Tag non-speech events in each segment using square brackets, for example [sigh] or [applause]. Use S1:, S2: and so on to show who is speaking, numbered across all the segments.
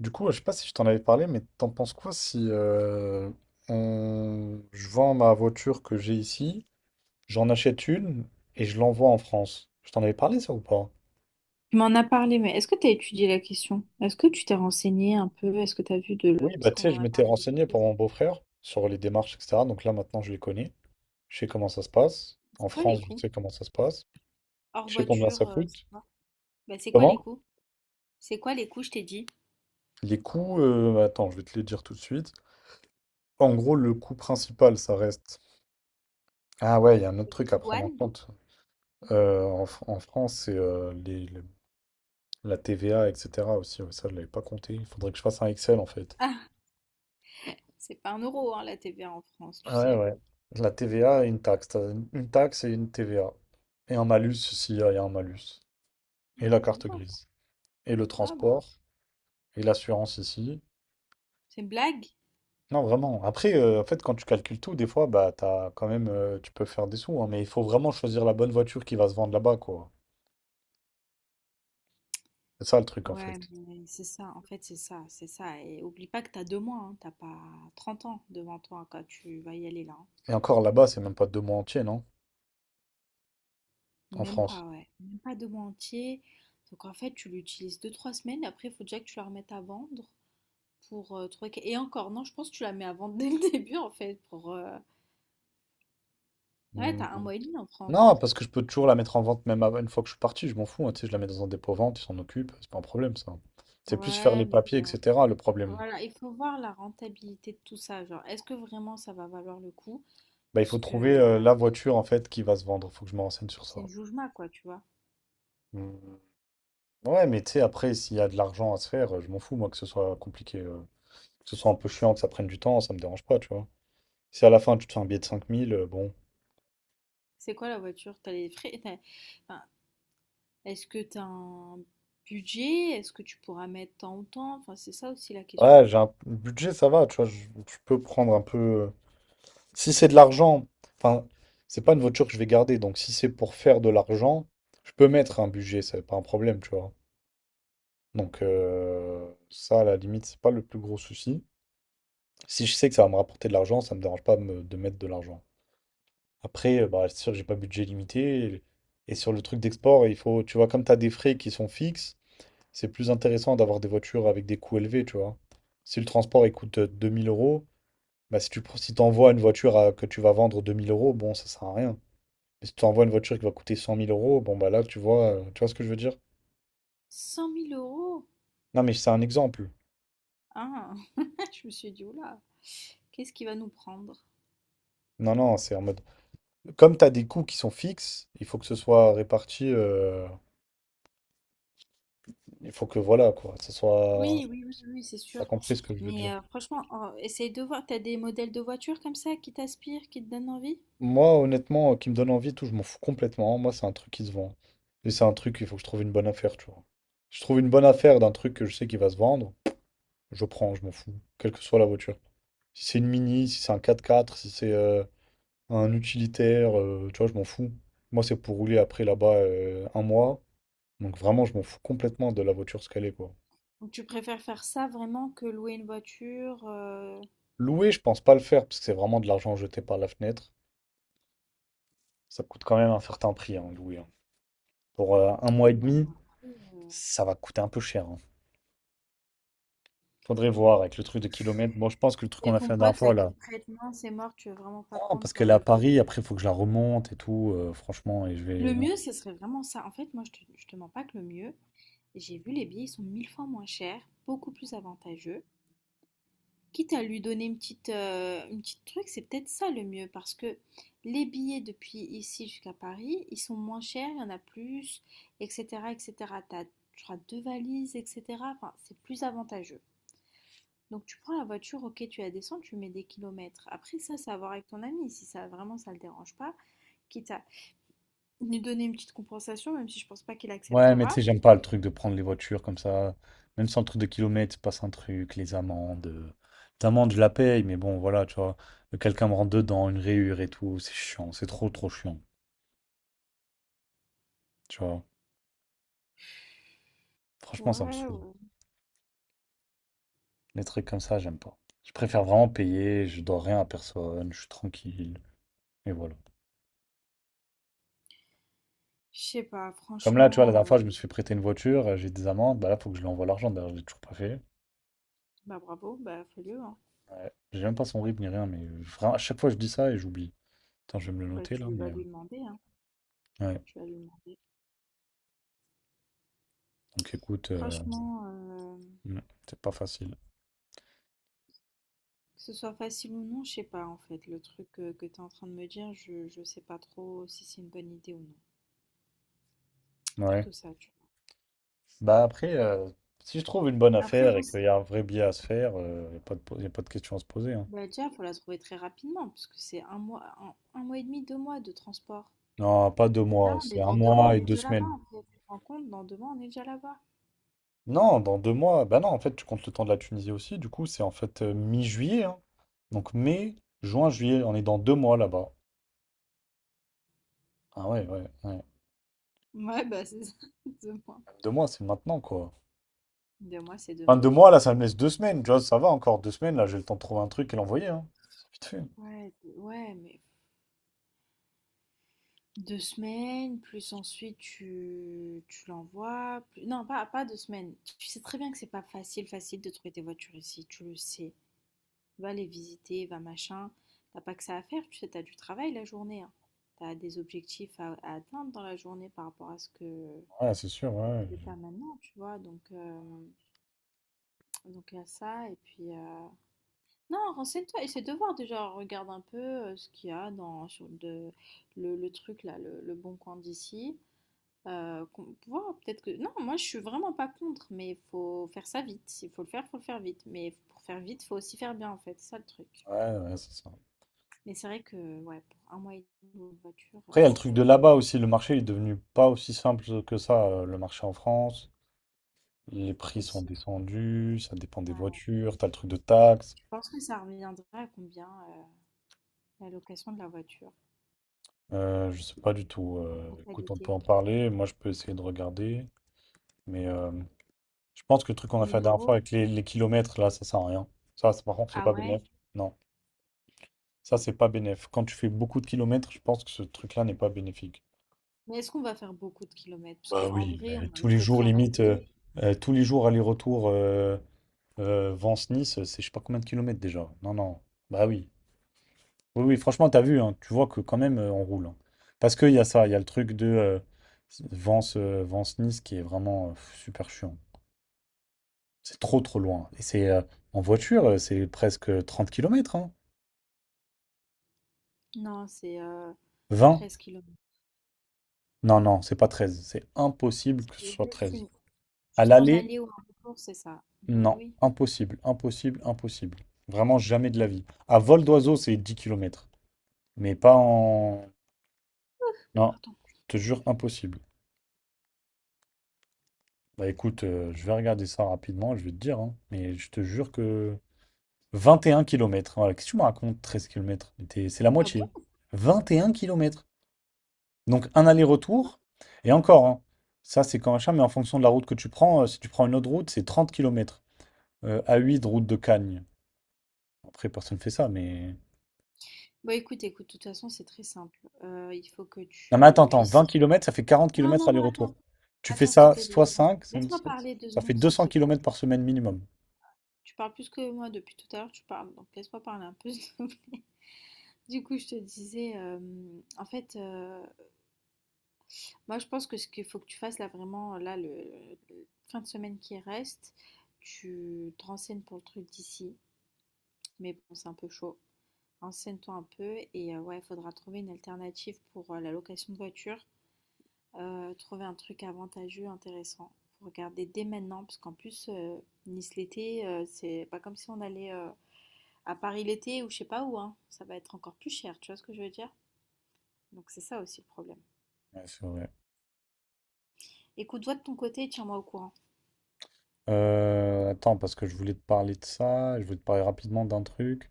S1: Du coup, ouais, je sais pas si je t'en avais parlé, mais t'en penses quoi si je vends ma voiture que j'ai ici, j'en achète une et je l'envoie en France? Je t'en avais parlé ça ou pas?
S2: Tu m'en as parlé, mais est-ce que tu as étudié la question? Est-ce que tu t'es renseigné un peu? Est-ce que tu as vu
S1: Oui, bah
S2: Parce
S1: tu
S2: qu'on
S1: sais,
S2: en
S1: je
S2: a
S1: m'étais
S2: parlé il y a
S1: renseigné
S2: quelques
S1: pour
S2: jours.
S1: mon beau-frère sur les démarches, etc. Donc là maintenant je les connais. Je sais comment ça se passe. En
S2: C'est quoi les
S1: France, je
S2: coûts?
S1: sais comment ça se passe.
S2: Hors
S1: Je sais combien ça
S2: voiture, c'est
S1: coûte.
S2: quoi? Bah, c'est quoi les
S1: Comment?
S2: coûts? C'est quoi les coûts, je t'ai dit?
S1: Les coûts, attends, je vais te les dire tout de suite. En gros, le coût principal, ça reste. Ah ouais, il y a un autre
S2: Les
S1: truc à prendre en
S2: douanes?
S1: compte. En France, c'est les la TVA, etc. aussi, ouais, ça je l'avais pas compté. Il faudrait que je fasse un Excel en fait.
S2: Ah, c'est pas un euro, hein, la TVA en France, tu
S1: Ouais,
S2: sais.
S1: ouais. La TVA et une taxe. T'as une taxe et une TVA. Et un malus s'il y a un malus. Et
S2: Mmh,
S1: la
S2: mais c'est
S1: carte
S2: bien ça.
S1: grise. Et le
S2: Ah bah,
S1: transport. Et l'assurance ici.
S2: c'est une blague?
S1: Non, vraiment. Après, en fait, quand tu calcules tout, des fois, bah, t'as quand même, tu peux faire des sous, hein, mais il faut vraiment choisir la bonne voiture qui va se vendre là-bas, quoi. C'est ça le truc, en
S2: Ouais,
S1: fait.
S2: mais c'est ça, en fait, c'est ça, c'est ça. Et oublie pas que t'as 2 mois, hein, t'as pas 30 ans devant toi quand tu vas y aller là, hein.
S1: Et encore là-bas, c'est même pas deux mois entiers, non? En
S2: Même pas,
S1: France.
S2: ouais. Même pas 2 mois entiers. Donc en fait, tu l'utilises deux trois semaines. Après, il faut déjà que tu la remettes à vendre pour trouver. Et encore, non, je pense que tu la mets à vendre dès le [laughs] début en fait. Ouais,
S1: Mm.
S2: t'as un mois et demi en France.
S1: Non, parce que je peux toujours la mettre en vente une fois que je suis parti, je m'en fous, hein, tu sais, je la mets dans un dépôt vente, ils s'en occupent, c'est pas un problème ça. C'est plus faire
S2: Ouais,
S1: les
S2: mais
S1: papiers,
S2: bon.
S1: etc. le problème.
S2: Voilà, il faut voir la rentabilité de tout ça. Genre, est-ce que vraiment ça va valoir le coup?
S1: Bah, il
S2: Parce
S1: faut trouver
S2: que
S1: la voiture en fait qui va se vendre, faut que je me renseigne sur ça.
S2: c'est une joujma, quoi, tu vois.
S1: Hmm. Ouais, mais tu sais, après, s'il y a de l'argent à se faire, je m'en fous, moi, que ce soit compliqué, que ce soit un peu chiant, que ça prenne du temps, ça me dérange pas, tu vois. Si à la fin tu te fais un billet de 5 000, bon.
S2: C'est quoi la voiture? T'as les frais. Enfin, est-ce que t'as un budget? Est-ce que tu pourras mettre tant ou tant? Enfin, c'est ça aussi la question.
S1: Ouais, j'ai un budget, ça va, tu vois, je peux prendre un peu. Si c'est de l'argent, enfin, c'est pas une voiture que je vais garder, donc si c'est pour faire de l'argent, je peux mettre un budget, c'est pas un problème, tu vois. Donc ça, à la limite, c'est pas le plus gros souci. Si je sais que ça va me rapporter de l'argent, ça me dérange pas de mettre de l'argent. Après, bah, c'est sûr que j'ai pas budget limité. Et sur le truc d'export, il faut, tu vois, comme tu as des frais qui sont fixes, c'est plus intéressant d'avoir des voitures avec des coûts élevés, tu vois. Si le transport il coûte 2 000 euros, bah, si tu pro- si t'envoies une voiture que tu vas vendre 2 000 euros, bon, ça sert à rien. Mais si tu envoies une voiture qui va coûter 100 000 euros, bon, bah là, tu vois ce que je veux dire?
S2: 100 000 euros.
S1: Non, mais c'est un exemple.
S2: Ah! [laughs] Je me suis dit: «Ouh là, qu'est-ce qu'il va nous prendre?»
S1: Non, non, c'est en mode. Comme tu as des coûts qui sont fixes, il faut que ce soit réparti. Il faut que, voilà, quoi, ça soit.
S2: Oui, oui, oui, oui, oui, c'est
S1: T'as
S2: sûr.
S1: compris ce que je veux
S2: Mais
S1: dire?
S2: franchement, en essaye de voir. T'as des modèles de voitures comme ça qui t'inspirent, qui te donnent envie?
S1: Moi, honnêtement, qui me donne envie et tout, je m'en fous complètement. Moi, c'est un truc qui se vend. Et c'est un truc, il faut que je trouve une bonne affaire, tu vois. Je trouve une bonne affaire d'un truc que je sais qu'il va se vendre, je prends, je m'en fous, quelle que soit la voiture. Si c'est une Mini, si c'est un 4x4, si c'est un utilitaire, tu vois, je m'en fous. Moi, c'est pour rouler après là-bas un mois. Donc vraiment, je m'en fous complètement de la voiture ce qu'elle est, quoi.
S2: Ou tu préfères faire ça vraiment que louer une voiture?
S1: Louer, je pense pas le faire, parce que c'est vraiment de l'argent jeté par la fenêtre. Ça coûte quand même un certain prix, hein, louer, hein. Pour un
S2: Non,
S1: mois et
S2: mais
S1: demi,
S2: bon, après, heu
S1: ça va coûter un peu cher, hein. Faudrait voir avec le truc de kilomètres. Bon, je pense que le truc qu'on
S2: et
S1: a
S2: ton
S1: fait la dernière
S2: pote là
S1: fois,
S2: qui
S1: là.
S2: te prête, non, c'est mort, tu veux vraiment pas
S1: Non, parce
S2: prendre
S1: qu'elle est à
S2: de.
S1: Paris, après, il faut que je la remonte et tout, franchement, et je vais.
S2: Le mieux, ce serait vraiment ça. En fait, moi, je te mens pas que le mieux, j'ai vu les billets, ils sont 1 000 fois moins chers, beaucoup plus avantageux. Quitte à lui donner une petite truc, c'est peut-être ça le mieux parce que les billets depuis ici jusqu'à Paris, ils sont moins chers, il y en a plus, etc., etc. T'as, je crois, deux valises, etc. Enfin, c'est plus avantageux. Donc tu prends la voiture, ok, tu la descends, tu mets des kilomètres. Après ça, c'est à voir avec ton ami, si ça vraiment ça le dérange pas, quitte à lui donner une petite compensation, même si je pense pas qu'il
S1: Ouais, mais tu sais,
S2: acceptera.
S1: j'aime pas le truc de prendre les voitures comme ça. Même sans le truc de kilomètres, il se passe un truc, les amendes. Les amendes, je la paye, mais bon, voilà, tu vois. Quelqu'un me rentre dedans, une rayure et tout, c'est chiant, c'est trop, trop chiant. Tu vois, franchement, ça me
S2: Ouais,
S1: saoule.
S2: ouais.
S1: Les trucs comme ça, j'aime pas. Je préfère vraiment payer, je dois rien à personne, je suis tranquille. Et voilà.
S2: Je sais pas,
S1: Comme là, tu vois, la
S2: franchement,
S1: dernière fois, je me suis fait prêter une voiture, j'ai des amendes, bah là, faut que je lui envoie l'argent, d'ailleurs, je l'ai toujours pas fait.
S2: bah bravo, bah fais-le, hein.
S1: Ouais. J'ai même pas son RIB ni rien, mais vraiment, à chaque fois, je dis ça et j'oublie. Attends, je vais me le
S2: Bah
S1: noter là,
S2: tu
S1: mais.
S2: vas lui demander, hein.
S1: Ouais.
S2: Tu vas lui demander.
S1: Donc écoute,
S2: Franchement, que
S1: mm, c'est pas facile.
S2: ce soit facile ou non, je sais pas en fait. Le truc que tu es en train de me dire, je sais pas trop si c'est une bonne idée ou non.
S1: Ouais.
S2: Plutôt ça, tu
S1: Bah après, si je trouve une bonne
S2: vois. Après,
S1: affaire
S2: en
S1: et qu'il y a un vrai billet à se faire, il n'y a pas y a pas de question à se poser, hein.
S2: bah, déjà, faut la trouver très rapidement, parce que c'est un mois, un mois et demi, 2 mois de transport.
S1: Non, pas deux
S2: Là,
S1: mois,
S2: on est
S1: c'est un
S2: dans 2 mois,
S1: mois
S2: on
S1: et
S2: est
S1: deux
S2: déjà là-bas
S1: semaines.
S2: en fait. Tu te rends compte, dans 2 mois, on est déjà là-bas.
S1: Non, dans deux mois, bah non, en fait, tu comptes le temps de la Tunisie aussi. Du coup, c'est en fait mi-juillet, hein. Donc mai, juin, juillet, on est dans deux mois là-bas. Ah ouais, ouais, ouais.
S2: Ouais, bah c'est ça, [laughs] 2 mois.
S1: Deux mois, c'est maintenant, quoi.
S2: 2 mois, c'est
S1: Enfin,
S2: demain.
S1: deux mois, là, ça me laisse deux semaines. Tu vois, ça va encore deux semaines. Là, j'ai le temps de trouver un truc et l'envoyer. Hein. C'est vite fait.
S2: Ouais, ouais, mais 2 semaines, plus ensuite tu l'envoies. Non, pas 2 semaines. Tu sais très bien que c'est pas facile, facile de trouver des voitures ici, tu le sais. Va les visiter, va machin. T'as pas que ça à faire, tu sais, t'as du travail la journée, hein. T'as des objectifs à atteindre dans la journée par rapport à ce que
S1: Ouais, c'est sûr, ouais.
S2: tu as maintenant, tu vois. Donc il y a ça. Et puis, non, renseigne-toi, essaie de voir déjà, regarde un peu ce qu'il y a dans le truc là, le bon coin d'ici. Voir, peut-être que. Non, moi je suis vraiment pas contre, mais il faut faire ça vite. S'il faut le faire vite. Mais pour faire vite, faut aussi faire bien en fait, c'est ça le truc.
S1: Ouais, ouais, ouais, c'est ça.
S2: Mais c'est vrai que ouais, pour un mois et demi en voiture,
S1: Après, il y a le
S2: ça
S1: truc
S2: va
S1: de
S2: être dur
S1: là-bas aussi. Le marché est devenu pas aussi simple que ça, le marché en France. Les prix sont
S2: aussi.
S1: descendus, ça dépend des
S2: Ouais.
S1: voitures. T'as le truc de taxes.
S2: Je pense que ça reviendra à combien la location de la voiture
S1: Je sais pas du tout.
S2: en
S1: Écoute, on peut
S2: totalité?
S1: en parler. Moi, je peux essayer de regarder. Mais je pense que le truc qu'on a fait la
S2: mille
S1: dernière fois
S2: euros?
S1: avec les kilomètres, là, ça sert à rien. Ça, par contre, c'est
S2: Ah
S1: pas
S2: ouais?
S1: bénéf. Non, ça, c'est pas bénéf. Quand tu fais beaucoup de kilomètres, je pense que ce truc-là n'est pas bénéfique.
S2: Mais est-ce qu'on va faire beaucoup de kilomètres? Parce
S1: Bah
S2: qu'en
S1: oui,
S2: vrai, on va
S1: tous les
S2: rester
S1: jours, limite,
S2: travailler.
S1: tous les jours aller-retour Vence-Nice, c'est je sais pas combien de kilomètres déjà. Non, non. Bah oui. Oui, oui, franchement, t'as vu, hein, tu vois que quand même, on roule, hein. Parce qu'il y a ça, il y a le truc de Vence-Nice qui est vraiment super chiant. C'est trop, trop loin. Et c'est en voiture, c'est presque 30 kilomètres, hein.
S2: Non, c'est
S1: 20?
S2: 13 kilomètres.
S1: Non, non, c'est pas treize. C'est impossible que ce
S2: C'est
S1: soit treize. À
S2: juste un
S1: l'aller,
S2: aller ou un retour, c'est ça. Ben
S1: non,
S2: oui.
S1: impossible, impossible, impossible. Vraiment jamais de la vie. À vol d'oiseau, c'est 10 kilomètres. Mais pas en. Non,
S2: Alors, attends.
S1: je te jure, impossible. Bah écoute, je vais regarder ça rapidement, je vais te dire, hein. Mais je te jure que 21 kilomètres. Voilà, qu'est-ce que tu me racontes, 13 km? C'est la
S2: Ah
S1: moitié.
S2: bon?
S1: 21 kilomètres. Donc un aller-retour. Et encore, hein, ça c'est quand machin, mais en fonction de la route que tu prends, si tu prends une autre route, c'est 30 km. A8, route de Cagnes. Après, personne fait ça, mais.
S2: Bon, écoute, écoute, de toute façon, c'est très simple. Il faut que
S1: Non mais
S2: tu
S1: attends, attends, 20
S2: puisses.
S1: kilomètres, ça fait 40
S2: Non,
S1: kilomètres
S2: non, non,
S1: aller-retour.
S2: attends.
S1: Tu fais
S2: Attends, s'il te
S1: ça
S2: plaît, deux
S1: soit
S2: secondes.
S1: 5, ça
S2: Laisse-moi parler deux
S1: fait
S2: secondes, s'il te
S1: 200
S2: plaît.
S1: kilomètres par semaine minimum.
S2: Tu parles plus que moi depuis tout à l'heure, tu parles. Donc, laisse-moi parler un peu, [laughs] s'il te plaît. Du coup, je te disais, en fait, moi, je pense que ce qu'il faut que tu fasses là, vraiment, là, fin de semaine qui reste, tu te renseignes pour le truc d'ici. Mais bon, c'est un peu chaud. Renseigne-toi un peu et ouais, il faudra trouver une alternative pour la location de voiture. Trouver un truc avantageux, intéressant. Faut regarder dès maintenant, parce qu'en plus, Nice l'été, c'est pas comme si on allait à Paris l'été ou je sais pas où, hein. Ça va être encore plus cher, tu vois ce que je veux dire? Donc c'est ça aussi le problème.
S1: Ouais, c'est vrai.
S2: Écoute, toi de ton côté, et tiens-moi au courant.
S1: Attends, parce que je voulais te parler de ça, je voulais te parler rapidement d'un truc.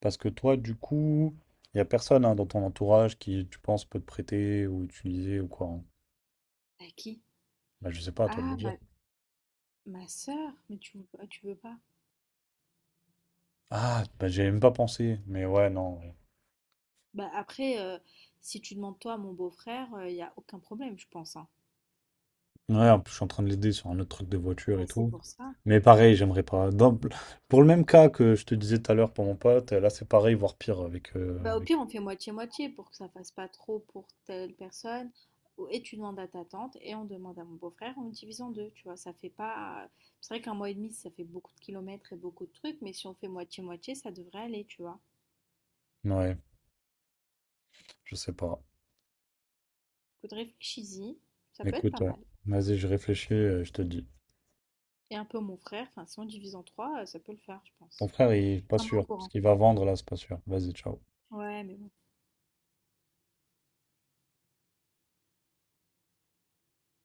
S1: Parce que toi, du coup, il n'y a personne hein, dans ton entourage qui, tu penses, peut te prêter ou utiliser ou quoi, hein.
S2: À qui?
S1: Bah, je sais pas, à toi de me
S2: Ah,
S1: dire.
S2: ma sœur? Mais tu veux pas, tu veux pas?
S1: Ah, bah, j'y avais même pas pensé. Mais ouais, non. Ouais,
S2: Bah après, si tu demandes toi à mon beau-frère, il n'y a aucun problème, je pense, hein.
S1: ouais, en plus, je suis en train de l'aider sur un autre truc de voiture et
S2: Bah, c'est
S1: tout.
S2: pour ça.
S1: Mais pareil, j'aimerais pas. Pour le même cas que je te disais tout à l'heure pour mon pote, là, c'est pareil, voire pire avec, euh,
S2: Bah, au
S1: avec.
S2: pire, on fait moitié-moitié pour que ça fasse pas trop pour telle personne. Et tu demandes à ta tante et on demande à mon beau-frère, on le divise en deux, tu vois, ça fait pas. C'est vrai qu'un mois et demi, ça fait beaucoup de kilomètres et beaucoup de trucs, mais si on fait moitié-moitié, ça devrait aller, tu vois.
S1: Ouais, je sais pas.
S2: Écoute, réfléchis-y, ça peut être
S1: Écoute,
S2: pas
S1: ouais.
S2: mal.
S1: Vas-y, je réfléchis, je te dis.
S2: Et un peu mon frère, enfin, si on divise en trois, ça peut le faire, je
S1: Ton
S2: pense.
S1: frère, il est pas
S2: Tiens-moi
S1: sûr.
S2: au
S1: Ce
S2: courant.
S1: qu'il va vendre là, c'est pas sûr. Vas-y, ciao.
S2: Ouais, mais bon.